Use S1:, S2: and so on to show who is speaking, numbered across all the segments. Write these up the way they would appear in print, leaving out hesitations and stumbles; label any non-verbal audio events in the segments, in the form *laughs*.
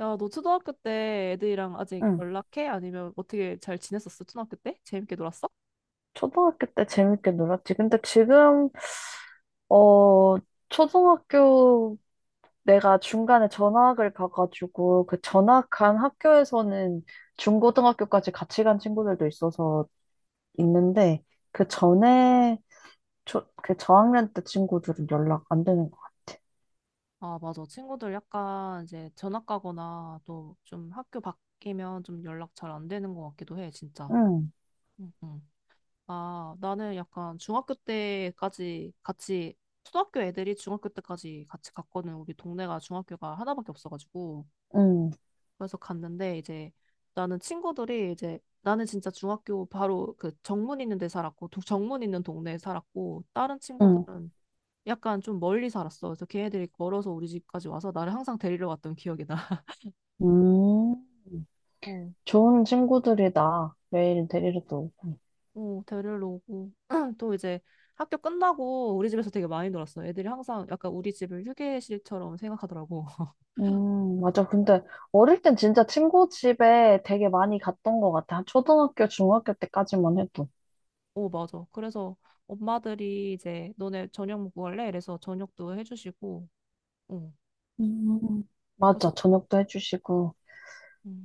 S1: 야, 너 초등학교 때 애들이랑 아직
S2: 응.
S1: 연락해? 아니면 어떻게 잘 지냈었어? 초등학교 때? 재밌게 놀았어?
S2: 초등학교 때 재밌게 놀았지. 근데 지금, 어, 초등학교 내가 중간에 전학을 가가지고 그 전학한 학교에서는 중고등학교까지 같이 간 친구들도 있어서 있는데 그 전에 그 저학년 때 친구들은 연락 안 되는 것 같아.
S1: 아, 맞아. 친구들 약간 이제 전학 가거나 또 좀 학교 바뀌면 좀 연락 잘 안 되는 것 같기도 해, 진짜.
S2: 응,
S1: 응, 응. 아, 나는 약간 중학교 때까지 같이, 초등학교 애들이 중학교 때까지 같이 갔거든. 우리 동네가 중학교가 하나밖에 없어가지고.
S2: 응,
S1: 그래서 갔는데 이제 나는 친구들이 이제 나는 진짜 중학교 바로 그 정문 있는 데 살았고 정문 있는 동네에 살았고 다른
S2: 응.
S1: 친구들은 약간 좀 멀리 살았어. 그래서 걔네들이 걸어서 우리 집까지 와서 나를 항상 데리러 갔던 기억이 나. *laughs*
S2: 음,
S1: 어,
S2: 좋은 친구들이다. 매일 데리러 또 오고.
S1: 어, 데리러 오고 *clears throat* 또 이제 학교 끝나고 우리 집에서 되게 많이 놀았어. 애들이 항상 약간 우리 집을 휴게실처럼 생각하더라고. *laughs*
S2: 맞아. 근데 어릴 땐 진짜 친구 집에 되게 많이 갔던 것 같아. 한 초등학교, 중학교 때까지만 해도.
S1: 어, 맞아. 그래서 엄마들이 이제 너네 저녁 먹고 갈래? 이래서 저녁도 해주시고, 어,
S2: 음,
S1: 그래서
S2: 맞아. 저녁도 해주시고,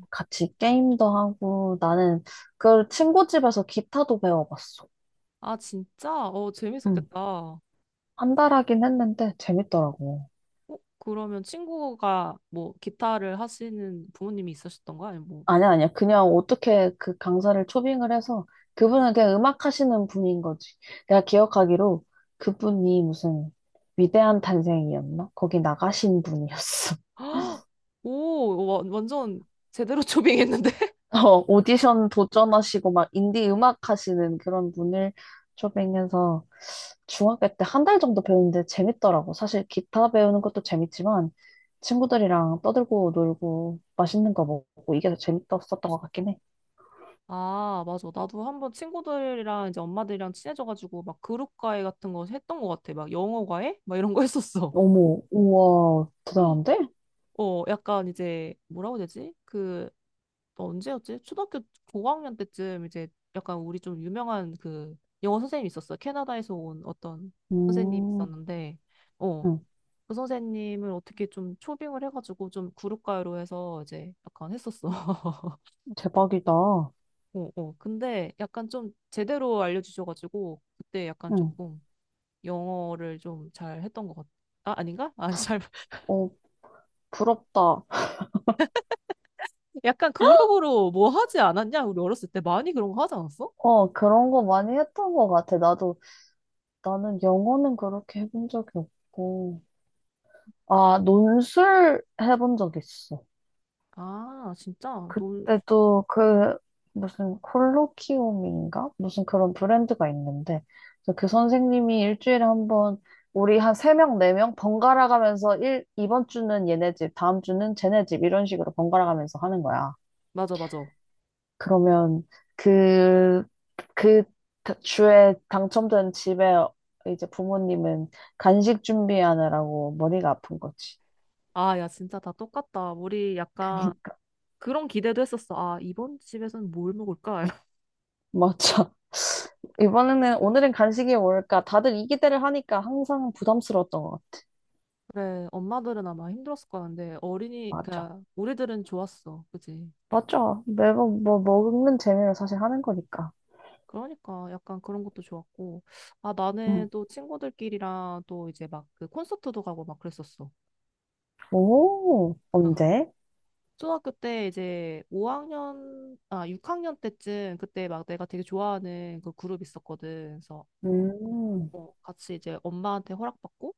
S2: 같이 게임도 하고, 나는 그 친구 집에서 기타도 배워봤어.
S1: 아, 진짜? 어,
S2: 응.
S1: 재밌었겠다. 어,
S2: 한 달 하긴 했는데 재밌더라고.
S1: 그러면 친구가 뭐 기타를 하시는 부모님이 있으셨던 거야? 아니면 뭐.
S2: 아니야, 아니야. 그냥 어떻게 그 강사를 초빙을 해서 그분은 그냥 음악 하시는 분인 거지. 내가 기억하기로 그분이 무슨 위대한 탄생이었나? 거기 나가신 분이었어.
S1: *gasps* 오, 와, 완전 제대로 초빙했는데? *laughs*
S2: 어, 오디션 도전하시고 막 인디 음악 하시는 그런 분을 쫓으면서 중학교 때 한 달 정도 배우는데 재밌더라고. 사실 기타 배우는 것도 재밌지만 친구들이랑 떠들고 놀고 맛있는 거 먹고 이게 더 재밌었던 것 같긴 해.
S1: 아, 맞아. 나도 한번 친구들이랑 이제 엄마들이랑 친해져가지고 막 그룹 과외 같은 거 했던 것 같아. 막 영어 과외? 막 이런 거 했었어.
S2: 어머, 우와, 대단한데?
S1: 어, 약간 이제 뭐라고 해야 되지? 그 또 언제였지? 초등학교 고학년 때쯤 이제 약간 우리 좀 유명한 그 영어 선생님이 있었어. 캐나다에서 온 어떤 선생님이
S2: 음,
S1: 있었는데, 어,
S2: 응,
S1: 그 선생님을 어떻게 좀 초빙을 해가지고 좀 그룹가요로 해서 이제 약간 했었어. *laughs*
S2: 대박이다.
S1: 어, 어. 근데 약간 좀 제대로 알려주셔가지고 그때 약간
S2: 응,
S1: 조금 영어를 좀 잘 했던 것 같아. 아, 아닌가? 아, 잘. *laughs*
S2: 어, 부럽다.
S1: 약간 그룹으로 뭐 하지 않았냐? 우리 어렸을 때 많이 그런 거 하지 않았어?
S2: 어, 그런 거 많이 했던 것 같아. 나도, 나는 영어는 그렇게 해본 적이 없고. 아, 논술 해본 적 있어.
S1: 아, 진짜? 놀,
S2: 그때도 그 무슨 콜로키움인가? 무슨 그런 브랜드가 있는데 그래서 그 선생님이 일주일에 한 번 우리 한 세명네 명네 명 번갈아 가면서 일 이번 주는 얘네 집, 다음 주는 쟤네 집 이런 식으로 번갈아 가면서 하는 거야.
S1: 맞아, 맞아.
S2: 그러면 그, 그 주에 당첨된 집에 이제 부모님은 간식 준비하느라고 머리가 아픈 거지.
S1: 아, 야, 진짜 다 똑같다. 우리
S2: *laughs*
S1: 약간
S2: 그러니까
S1: 그런 기대도 했었어. 아, 이번 집에서는 뭘 먹을까? *laughs*
S2: 맞아. 이번에는 오늘은 간식이 뭘까? 다들 이 기대를 하니까 항상 부담스러웠던 것 같아.
S1: 그래, 엄마들은 아마 힘들었을 거야. 근데 어린이,
S2: 맞아.
S1: 그러니까 우리들은 좋았어. 그지?
S2: 맞아. 매번 뭐 먹는 재미로 사실 하는 거니까.
S1: 그러니까 약간 그런 것도 좋았고. 아, 나는
S2: 응.
S1: 또 친구들끼리랑 또 이제 막 그 콘서트도 가고 막 그랬었어.
S2: 오, 언제?
S1: 초등학교 때 이제 5학년, 아, 6학년 때쯤 그때 막 내가 되게 좋아하는 그 그룹 있었거든. 그래서
S2: 음,
S1: 어, 같이 이제 엄마한테 허락받고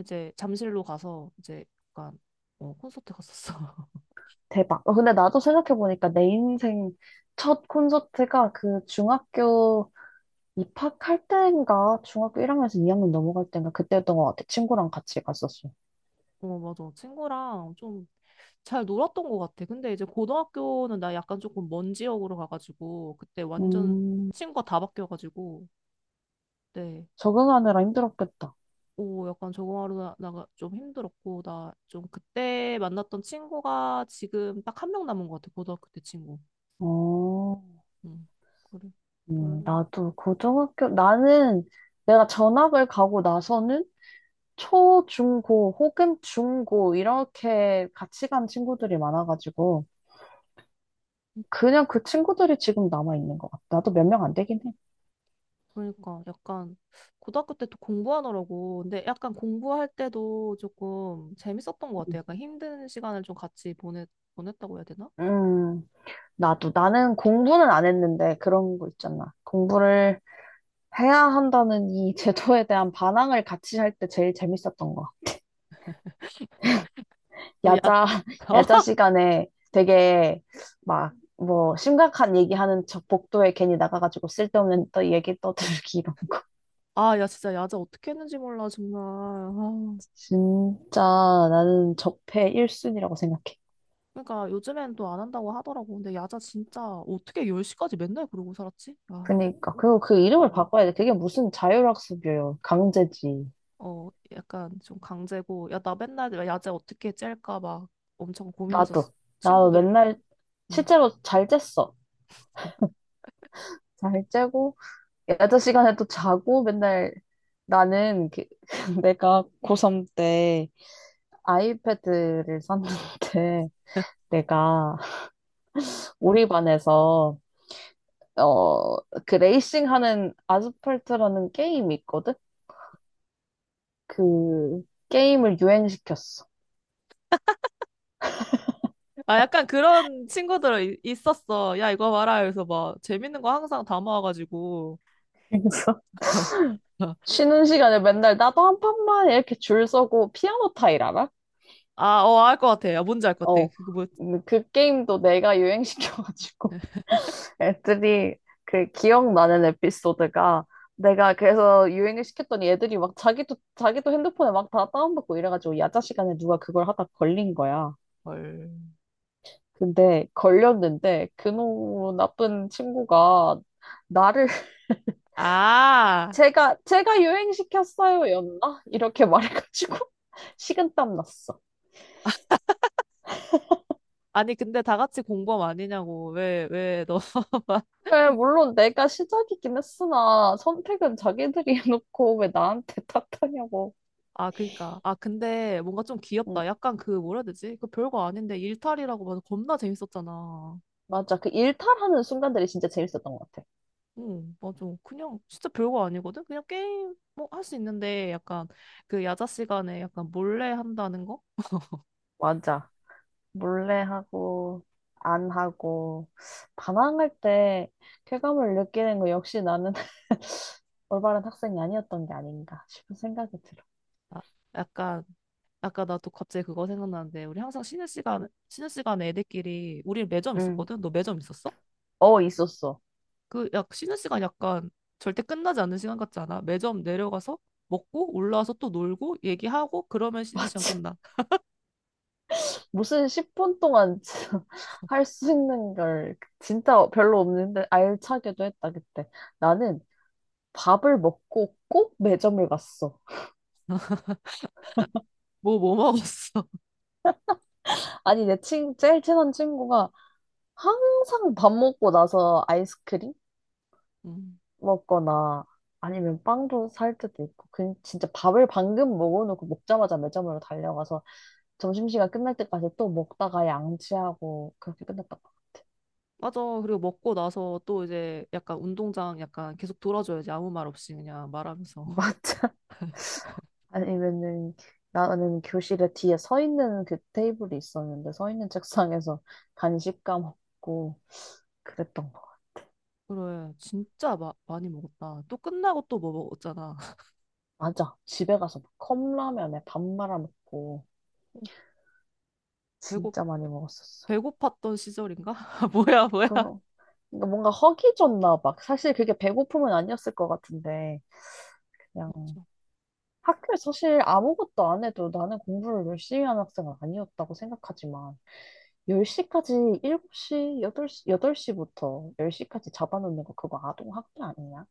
S1: 이제 잠실로 가서 이제 약간 어, 콘서트 갔었어. *laughs*
S2: 대박. 어, 근데 나도 생각해보니까 내 인생 첫 콘서트가 그 중학교 입학할 때인가 중학교 1학년에서 2학년 넘어갈 때인가 그때였던 것 같아. 친구랑 같이 갔었어.
S1: 어, 맞아. 친구랑 좀 잘 놀았던 것 같아. 근데 이제 고등학교는 나 약간 조금 먼 지역으로 가가지고 그때 완전
S2: 음,
S1: 친구가 다 바뀌어가지고 네.
S2: 적응하느라 힘들었겠다.
S1: 오, 약간 적응하러 나가 좀 힘들었고 나 좀 그때 만났던 친구가 지금 딱 한 명 남은 것 같아. 고등학교 때 친구.
S2: 어.
S1: 음 그래. 별로.
S2: 나도 고등학교, 나는 내가 전학을 가고 나서는 초, 중, 고 혹은 중, 고 이렇게 같이 간 친구들이 많아가지고 그냥 그 친구들이 지금 남아있는 것 같아. 나도 몇 명 안 되긴 해.
S1: 그러니까 약간 고등학교 때 또 공부하느라고 근데 약간 공부할 때도 조금 재밌었던 것
S2: 음,
S1: 같아요. 약간 힘든 시간을 좀 같이 보냈다고 해야 되나?
S2: 음, 나도. 나는 공부는 안 했는데 그런 거 있잖아. 공부를 해야 한다는 이 *laughs* 제도에 대한 반항을 같이 할 때 제일 재밌었던 것.
S1: 어, 야,
S2: 야자, *laughs* 야자
S1: *laughs*
S2: 시간에 되게 막 뭐 심각한 얘기하는 척 복도에 괜히 나가가지고 쓸데없는 또 얘기 떠들기 이런. *laughs*
S1: 아, 야 진짜 야자 어떻게 했는지 몰라 정말. 아,
S2: 진짜 나는 적폐 1순위라고 생각해.
S1: 그러니까 요즘엔 또 안 한다고 하더라고. 근데 야자 진짜 어떻게 10시까지 맨날 그러고 살았지? 아,
S2: 그니까. 그리고 그 이름을 바꿔야 돼. 그게 무슨 자율학습이에요. 강제지.
S1: 어, 약간 좀 강제고 야 나 맨날 야자 어떻게 짤까 막 엄청 고민해서
S2: 나도. 나도
S1: 친구들.
S2: 맨날
S1: 응.
S2: 실제로 잘 잤어. 잘 자고 야자 시간에 또 자고 맨날 나는 그, *laughs* 내가 고3 때 아이패드를 샀는데 내가 *laughs* 우리 반에서 어, 그 레이싱 하는 아스팔트라는 게임이 있거든? 그 게임을 유행시켰어.
S1: 아, 약간 그런 친구들 있었어. 야, 이거 봐라. 그래서 막 재밌는 거 항상 담아와가지고.
S2: 그래서 *laughs*
S1: *laughs*
S2: 쉬는 시간에 맨날 나도 한 판만 이렇게 줄 서고 피아노 타일 알아?
S1: 아, 어, 알 것 같아. 야, 뭔지 알 것 같아.
S2: 어.
S1: 그거 뭐,
S2: 그 게임도 내가 유행시켜가지고 *laughs* 애들이 그 기억나는 에피소드가 내가 그래서 유행을 시켰더니 애들이 막 자기도 자기도 핸드폰에 막 다 다운받고 이래가지고 야자 시간에 누가 그걸 하다 걸린 거야.
S1: 헐.
S2: 근데 걸렸는데 그놈 나쁜 친구가 나를 *laughs*
S1: 아,
S2: 제가 유행시켰어요 였나? 이렇게 말해가지고 *laughs* 식은땀 났어.
S1: 아니, 근데 다 같이 공범 아니냐고. 왜, 왜, 너. *laughs*
S2: 왜 물론 내가 시작이긴 했으나 선택은 자기들이 *laughs* 해놓고 왜 나한테 *laughs* 탓하냐고.
S1: 아, 그니까. 아, 근데 뭔가 좀
S2: 응,
S1: 귀엽다. 약간 그, 뭐라 해야 되지? 그 별거 아닌데 일탈이라고 봐서 겁나 재밌었잖아.
S2: 맞아. 그 일탈하는 순간들이 진짜 재밌었던 것 같아.
S1: 응, 맞아. 그냥 진짜 별거 아니거든? 그냥 게임 뭐 할 수 있는데 약간 그 야자 시간에 약간 몰래 한다는 거?
S2: 맞아. 몰래 하고, 안 하고, 반항할 때 쾌감을 느끼는 거 역시 나는 *laughs* 올바른 학생이 아니었던 게 아닌가 싶은 생각이 들어.
S1: 아, 약간 아까 나 또 갑자기 그거 생각나는데 우리 항상 쉬는 시간에 애들끼리 우리 매점
S2: 응.
S1: 있었거든. 너 매점 있었어?
S2: 어, 있었어.
S1: 그 약 쉬는 시간 약간 절대 끝나지 않는 시간 같지 않아? 매점 내려가서 먹고 올라와서 또 놀고 얘기하고 그러면
S2: *laughs*
S1: 쉬는 시간
S2: 맞지.
S1: 끝나.
S2: 무슨 10분 동안 할 수 *laughs* 있는 걸 진짜 별로 없는데 알차게도 했다, 그때. 나는 밥을 먹고 꼭 매점을 갔어.
S1: 뭐 먹었어? *laughs*
S2: 아니, 제일 친한 친구가 항상 밥 먹고 나서 아이스크림?
S1: 음.
S2: 먹거나 아니면 빵도 살 때도 있고 그 진짜 밥을 방금 먹어놓고 먹자마자 매점으로 달려가서 점심시간 끝날 때까지 또 먹다가 양치하고 그렇게 끝났던 것 같아.
S1: 맞아. 그리고 먹고 나서 또 이제 약간 운동장 약간 계속 돌아줘야지 아무 말 없이 그냥 말하면서.
S2: 맞아. *laughs* 아니면은 나는 교실에 뒤에 서 있는 그 테이블이 있었는데 서 있는 책상에서 간식 까먹고 그랬던 거.
S1: *laughs* 그래. 진짜 많이 먹었다. 또 끝나고 또 뭐 먹었잖아. *laughs*
S2: 맞아. 집에 가서 막 컵라면에 밥 말아 먹고
S1: 배고
S2: 진짜 많이 먹었었어.
S1: 배고팠던 시절인가? *laughs* 뭐야 뭐야.
S2: 그럼 그러니까 뭔가 허기졌나 봐. 사실 그게 배고픔은 아니었을 것 같은데, 그냥
S1: 맞아.
S2: 학교에 사실 아무것도 안 해도 나는 공부를 열심히 하는 학생은 아니었다고 생각하지만, 10시까지, 7시, 8시, 여덟 시부터 10시까지 잡아놓는 거 그거 아동학대 아니냐?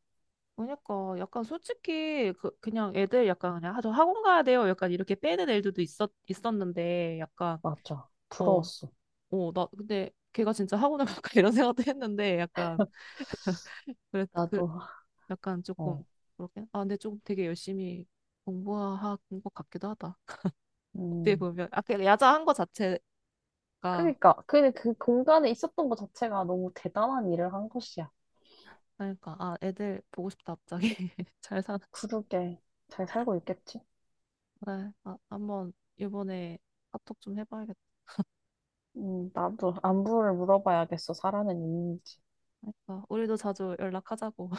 S1: 그러니까 약간 솔직히 그 그냥 애들 약간 그냥 아저 학원 가야 돼요. 약간 이렇게 빼는 애들도 있었는데 약간
S2: 맞아.
S1: 어,
S2: 부러웠어.
S1: 어, 나 근데 걔가 진짜 학원을 갈까 *laughs* 이런 생각도 했는데 약간 그래 그
S2: 나도,
S1: 약간 조금
S2: 어,
S1: 그렇게 아 근데 좀 되게 열심히 공부한 것 같기도 하다. *laughs* 그때
S2: 음.
S1: 보면 아그 야자한 거 자체가
S2: 그러니까, 그 공간에 있었던 것 자체가 너무 대단한 일을 한 것이야.
S1: 그러니까 아 애들 보고 싶다 갑자기 *laughs* 잘 사는지.
S2: 그러게, 잘 살고 있겠지?
S1: 그래 아 한번 이번에 카톡 좀 해봐야겠다.
S2: 나도 안부를 물어봐야겠어. 살아는 있는지.
S1: 우리도 자주 연락하자고.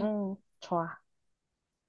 S2: 응, 좋아.